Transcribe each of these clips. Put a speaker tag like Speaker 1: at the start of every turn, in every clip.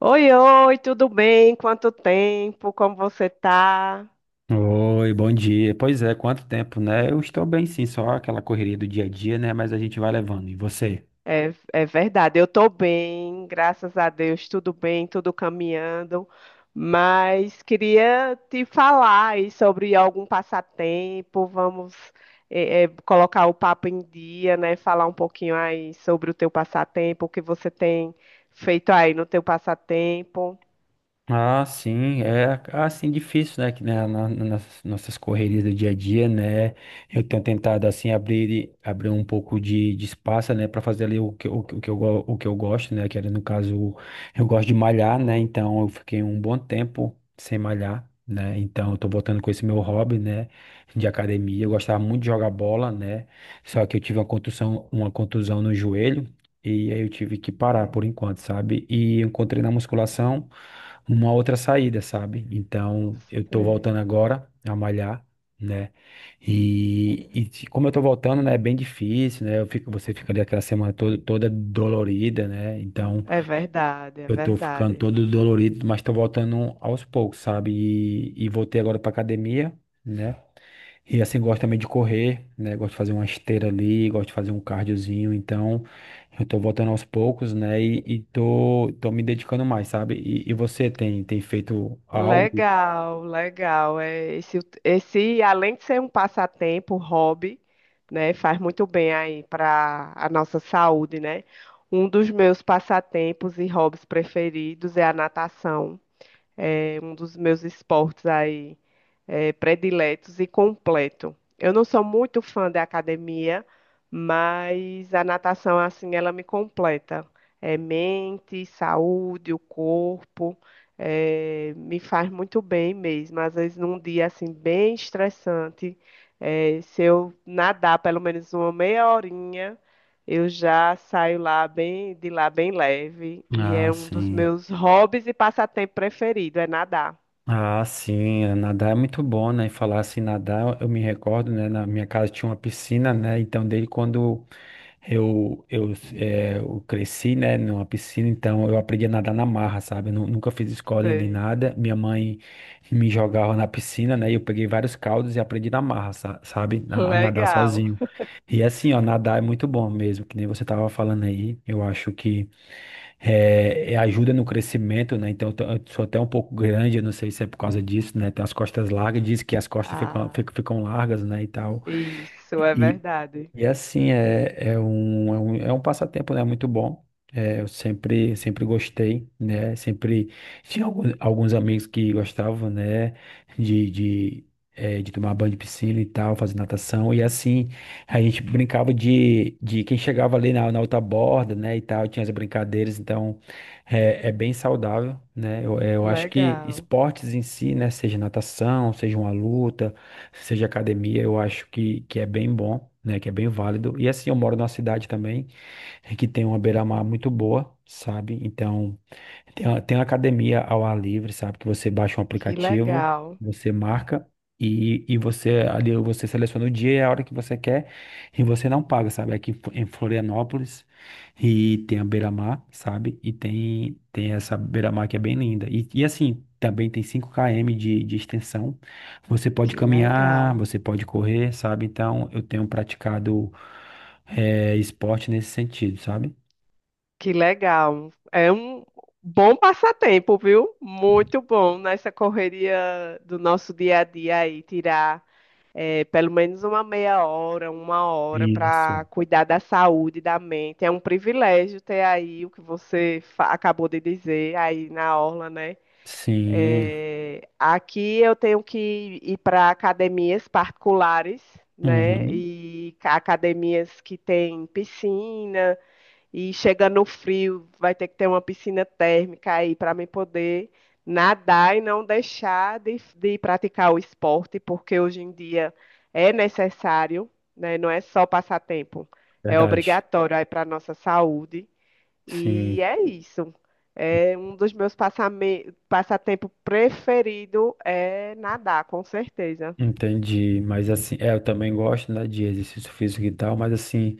Speaker 1: Oi, oi, tudo bem? Quanto tempo? Como você tá?
Speaker 2: Oi, bom dia. Pois é, quanto tempo, né? Eu estou bem sim, só aquela correria do dia a dia, né? Mas a gente vai levando. E você?
Speaker 1: É verdade, eu tô bem, graças a Deus, tudo bem, tudo caminhando. Mas queria te falar aí sobre algum passatempo. Vamos, colocar o papo em dia, né? Falar um pouquinho aí sobre o teu passatempo, o que você tem feito aí no teu passatempo.
Speaker 2: Ah, sim, é assim difícil, né, que, né, na- na- nas nossas correrias do dia a dia, né, eu tenho tentado assim abrir um pouco de espaço, né, para fazer ali o que, o, que o que eu go- o que eu gosto, né, que era no caso eu gosto de malhar, né, então eu fiquei um bom tempo sem malhar, né, então eu tô voltando com esse meu hobby, né, de academia. Eu gostava muito de jogar bola, né, só que eu tive uma contusão no joelho. E aí eu tive que parar por
Speaker 1: É,
Speaker 2: enquanto, sabe? E eu encontrei na musculação uma outra saída, sabe? Então eu tô voltando
Speaker 1: sei.
Speaker 2: agora a malhar, né? Como eu tô voltando, né? É bem difícil, né? Você fica ali aquela semana toda, toda dolorida, né? Então
Speaker 1: É verdade, é
Speaker 2: eu tô ficando
Speaker 1: verdade.
Speaker 2: todo dolorido, mas tô voltando aos poucos, sabe? E voltei agora pra academia, né? E assim, gosto também de correr, né? Gosto de fazer uma esteira ali, gosto de fazer um cardiozinho. Então, eu tô voltando aos poucos, né? Tô me dedicando mais, sabe? E você tem feito algo?
Speaker 1: Legal, legal. É, esse, além de ser um passatempo, um hobby, né, faz muito bem aí para a nossa saúde, né? Um dos meus passatempos e hobbies preferidos é a natação. É um dos meus esportes aí prediletos e completo. Eu não sou muito fã da academia, mas a natação, assim, ela me completa. É mente, saúde, o corpo, me faz muito bem mesmo. Às vezes, num dia, assim, bem estressante, se eu nadar pelo menos uma meia horinha, eu já saio lá bem, de lá bem leve. E
Speaker 2: Ah,
Speaker 1: é um dos
Speaker 2: sim.
Speaker 1: meus hobbies e passatempo preferido, é nadar.
Speaker 2: Ah, sim, é, nadar é muito bom, né? E falar assim, nadar, eu me recordo, né? Na minha casa tinha uma piscina, né? Então, desde quando eu cresci, né? Numa piscina, então eu aprendi a nadar na marra, sabe? Nunca fiz escola nem
Speaker 1: Sei.
Speaker 2: nada. Minha mãe que me jogava na piscina, né? E eu peguei vários caldos e aprendi na marra, sabe? A nadar
Speaker 1: Legal.
Speaker 2: sozinho. E é assim, ó, nadar é muito bom mesmo, que nem você tava falando aí. Eu acho que é ajuda no crescimento, né? Então, eu sou até um pouco grande, eu não sei se é por causa disso, né? Tem as costas largas, diz que as costas
Speaker 1: Ah,
Speaker 2: ficam largas, né? E tal.
Speaker 1: isso é verdade.
Speaker 2: E assim, é um passatempo, né? Muito bom. É, sempre gostei, né? Sempre tinha alguns amigos que gostavam, né? De, de, de tomar banho de piscina e tal, fazer natação. E assim, a gente brincava de quem chegava ali na outra borda, né? E tal, tinha as brincadeiras. Então, é, é bem saudável, né? Eu, é, eu acho que
Speaker 1: Legal.
Speaker 2: esportes em si, né? Seja natação, seja uma luta, seja academia, eu acho que é bem bom, né? Que é bem válido. E assim, eu moro numa cidade também que tem uma beira-mar muito boa, sabe? Então. Tem uma academia ao ar livre, sabe? Que você baixa um
Speaker 1: Que
Speaker 2: aplicativo,
Speaker 1: legal.
Speaker 2: você marca e você ali você seleciona o dia e a hora que você quer e você não paga, sabe? Em Florianópolis e tem a Beira-Mar, sabe? Tem essa Beira-Mar que é bem linda. E assim, também tem 5 km de extensão. Você pode
Speaker 1: Que
Speaker 2: caminhar,
Speaker 1: legal.
Speaker 2: você pode correr, sabe? Então eu tenho praticado esporte nesse sentido, sabe?
Speaker 1: Que legal. É um bom passatempo, viu? Muito bom nessa correria do nosso dia a dia aí, tirar pelo menos uma meia hora, uma hora
Speaker 2: Isso.
Speaker 1: para cuidar da saúde da mente. É um privilégio ter aí o que você acabou de dizer aí na orla, né?
Speaker 2: Sim.
Speaker 1: É, aqui eu tenho que ir para academias particulares, né?
Speaker 2: Uhum.
Speaker 1: E academias que tem piscina, e chegando no frio, vai ter que ter uma piscina térmica aí para me poder nadar e não deixar de praticar o esporte, porque hoje em dia é necessário, né? Não é só passatempo, é
Speaker 2: Verdade.
Speaker 1: obrigatório aí para a nossa saúde. E
Speaker 2: Sim,
Speaker 1: é isso. É um dos meus passatempo preferido é nadar, com certeza.
Speaker 2: entendi. Mas assim, é, eu também gosto, né, de exercício físico e tal, mas assim,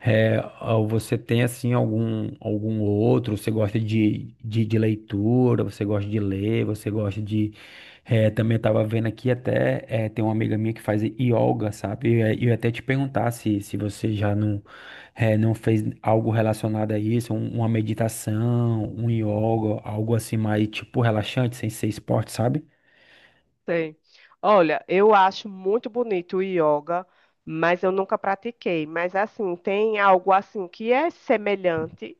Speaker 2: é, ao- você tem assim algum outro, você gosta de leitura, você gosta de ler, você gosta de é, também estava vendo aqui até é, tem uma amiga minha que faz yoga, sabe? E eu ia até te perguntar se você já não é, não fez algo relacionado a isso, uma meditação, um yoga, algo assim mais tipo relaxante, sem ser esporte, sabe?
Speaker 1: Tem. Olha, eu acho muito bonito o yoga, mas eu nunca pratiquei. Mas assim, tem algo assim que é semelhante,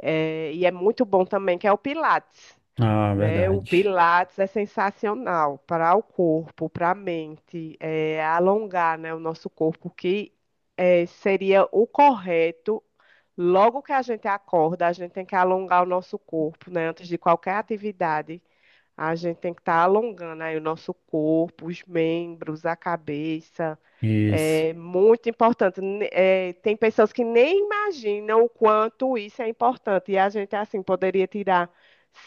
Speaker 1: é, e é muito bom também, que é o Pilates.
Speaker 2: Ah,
Speaker 1: Né? O
Speaker 2: verdade.
Speaker 1: Pilates é sensacional para o corpo, para a mente, é, alongar, né, o nosso corpo, que é, seria o correto. Logo que a gente acorda, a gente tem que alongar o nosso corpo, né? Antes de qualquer atividade, a gente tem que estar alongando aí o nosso corpo, os membros, a cabeça.
Speaker 2: Isso.
Speaker 1: É muito importante. É, tem pessoas que nem imaginam o quanto isso é importante. E a gente, assim, poderia tirar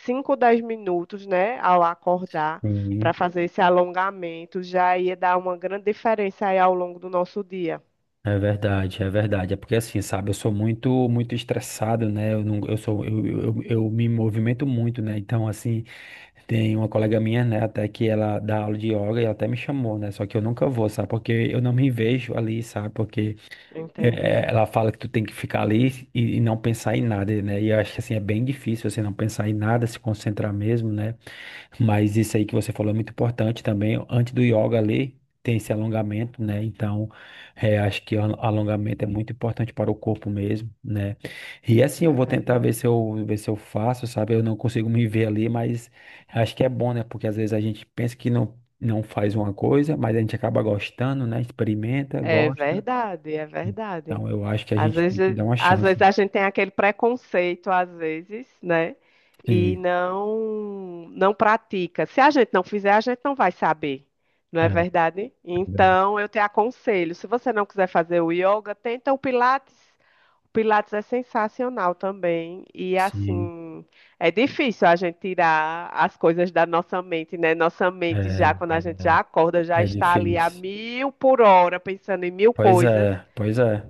Speaker 1: 5, 10 minutos, né, ao acordar, para
Speaker 2: Sim.
Speaker 1: fazer esse alongamento. Já ia dar uma grande diferença aí ao longo do nosso dia.
Speaker 2: É verdade, é verdade. É porque assim, sabe, eu sou muito, muito estressado, né? Eu não, eu sou, eu me movimento muito, né? Então, assim, tem uma colega minha, né, até que ela dá aula de yoga e ela até me chamou, né? Só que eu nunca vou, sabe? Porque eu não me vejo ali, sabe? Porque é,
Speaker 1: Entendi.
Speaker 2: ela fala que tu tem que ficar ali e não pensar em nada, né? E eu acho que assim, é bem difícil você não pensar em nada, se concentrar mesmo, né? Mas isso aí que você falou é muito importante também. Antes do yoga ali, tem esse alongamento, né? Então, é, acho que o alongamento é muito importante para o corpo mesmo, né? E assim, eu
Speaker 1: É
Speaker 2: vou tentar
Speaker 1: verdade.
Speaker 2: ver se eu faço, sabe? Eu não consigo me ver ali, mas acho que é bom, né? Porque às vezes a gente pensa que não, não faz uma coisa, mas a gente acaba gostando, né? Experimenta,
Speaker 1: É
Speaker 2: gosta.
Speaker 1: verdade, é verdade.
Speaker 2: Então, eu acho que a
Speaker 1: Às
Speaker 2: gente tem que
Speaker 1: vezes,
Speaker 2: dar uma
Speaker 1: às
Speaker 2: chance.
Speaker 1: vezes a gente tem aquele preconceito, às vezes, né? E
Speaker 2: Sim,
Speaker 1: não pratica. Se a gente não fizer, a gente não vai saber, não é
Speaker 2: é,
Speaker 1: verdade? Então, eu te aconselho, se você não quiser fazer o yoga, tenta o Pilates. Pilates é sensacional também. E
Speaker 2: sim,
Speaker 1: assim, é difícil a gente tirar as coisas da nossa mente, né? Nossa mente já,
Speaker 2: é,
Speaker 1: quando a gente já acorda, já
Speaker 2: é é
Speaker 1: está ali a
Speaker 2: difícil.
Speaker 1: mil por hora, pensando em mil
Speaker 2: Pois
Speaker 1: coisas.
Speaker 2: é, pois é.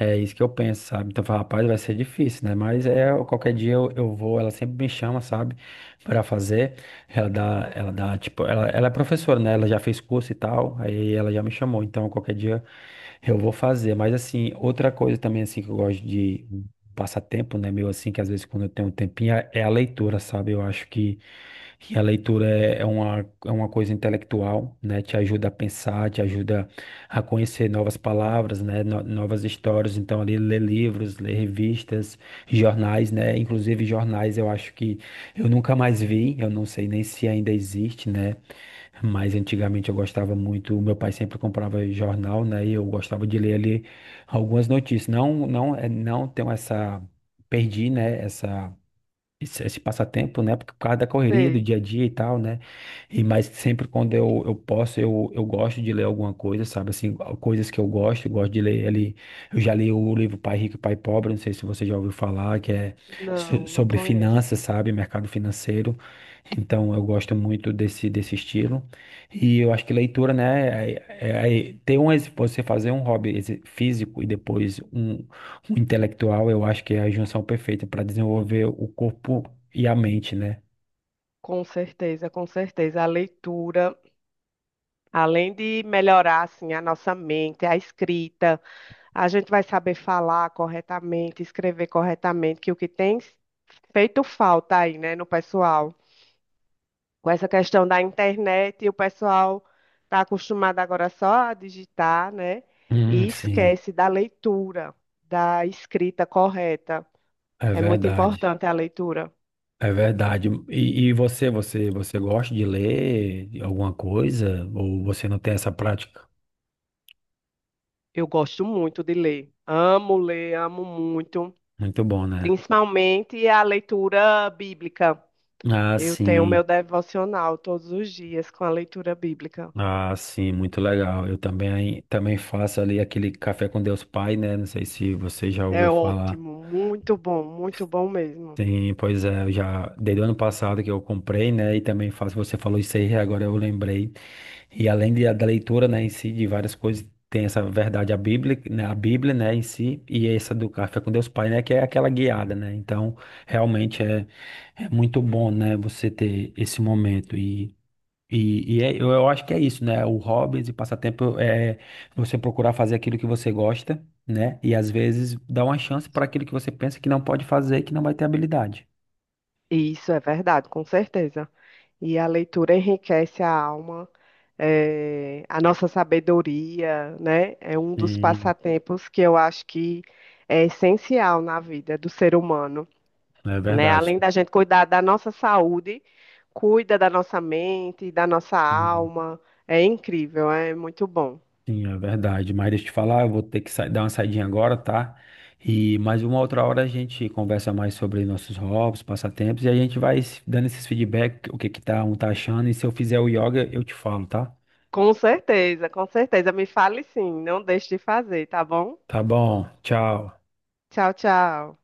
Speaker 2: É isso que eu penso, sabe? Então, eu falo, rapaz, vai ser difícil, né? Mas é, qualquer dia eu vou, ela sempre me chama, sabe? Pra fazer. Ela dá, tipo, ela é professora, né? Ela já fez curso e tal, aí ela já me chamou. Então, qualquer dia eu vou fazer, mas assim, outra coisa também assim que eu gosto de passar tempo, né, meu, assim, que às vezes quando eu tenho um tempinho é é a leitura, sabe? Eu acho que a leitura é uma coisa intelectual, né? Te ajuda a pensar, te ajuda a conhecer novas palavras, né? Novas histórias. Então, ali, ler livros, ler revistas, jornais, né? Inclusive jornais, eu acho que eu nunca mais vi, eu não sei nem se ainda existe, né? Mas antigamente eu gostava muito, meu pai sempre comprava jornal, né? E eu gostava de ler ali algumas notícias. Não, não, não tenho essa, perdi, né? Essa Esse, esse passatempo, né? Porque por causa da correria do
Speaker 1: Sei.
Speaker 2: dia a dia e tal, né? Eu posso, eu gosto de ler alguma coisa, sabe? Assim, coisas que eu gosto de ler ali. Eu já li o livro Pai Rico e Pai Pobre, não sei se você já ouviu falar, que é
Speaker 1: Não, não
Speaker 2: sobre
Speaker 1: conheço.
Speaker 2: finanças, sabe? Mercado financeiro. Então, eu gosto muito desse estilo. E eu acho que leitura, né? É ter um, você fazer um hobby físico e depois um o intelectual, eu acho que é a junção perfeita para desenvolver o corpo e a mente, né?
Speaker 1: Com certeza, com certeza. A leitura, além de melhorar assim a nossa mente, a escrita, a gente vai saber falar corretamente, escrever corretamente, que o que tem feito falta aí, né, no pessoal. Com essa questão da internet, e o pessoal está acostumado agora só a digitar, né? E
Speaker 2: Sim,
Speaker 1: esquece da leitura, da escrita correta.
Speaker 2: é
Speaker 1: É muito
Speaker 2: verdade.
Speaker 1: importante a leitura.
Speaker 2: É verdade. E você, você gosta de ler alguma coisa? Ou você não tem essa prática?
Speaker 1: Eu gosto muito de ler. Amo ler, amo muito.
Speaker 2: Muito bom, né?
Speaker 1: Principalmente a leitura bíblica.
Speaker 2: Ah,
Speaker 1: Eu tenho
Speaker 2: sim.
Speaker 1: meu devocional todos os dias com a leitura bíblica.
Speaker 2: Ah, sim, muito legal. Eu também, também faço ali aquele café com Deus Pai, né? Não sei se você já ouviu
Speaker 1: É
Speaker 2: falar.
Speaker 1: ótimo, muito bom mesmo.
Speaker 2: Sim, pois é, eu já desde o ano passado que eu comprei, né? E também faço, você falou isso aí, agora eu lembrei. E além de, da leitura, né, em si, de várias coisas, tem essa verdade, a Bíblia, né, em si, e essa do Café com Deus Pai, né, que é aquela guiada, né? Então, realmente é, é muito bom, né, você ter esse momento. Eu acho que é isso, né? O hobbies e passatempo é você procurar fazer aquilo que você gosta, né? E às vezes dar uma chance para aquilo que você pensa que não pode fazer, e que não vai ter habilidade.
Speaker 1: E isso é verdade, com certeza. E a leitura enriquece a alma, a nossa sabedoria, né? É um dos
Speaker 2: Sim,
Speaker 1: passatempos que eu acho que é essencial na vida do ser humano,
Speaker 2: é
Speaker 1: né?
Speaker 2: verdade.
Speaker 1: Além da gente cuidar da nossa saúde, cuida da nossa mente, da nossa
Speaker 2: Sim,
Speaker 1: alma. É incrível, é muito bom.
Speaker 2: sim, é verdade. Mas deixa eu te falar, eu vou ter que dar uma saidinha agora, tá? E mais uma outra hora a gente conversa mais sobre nossos hobbies, passatempos, e a gente vai dando esses feedback, o que que tá, um tá achando, e se eu fizer o yoga, eu te falo, tá?
Speaker 1: Com certeza, com certeza. Me fale sim, não deixe de fazer, tá bom?
Speaker 2: Tá bom, tchau.
Speaker 1: Tchau, tchau.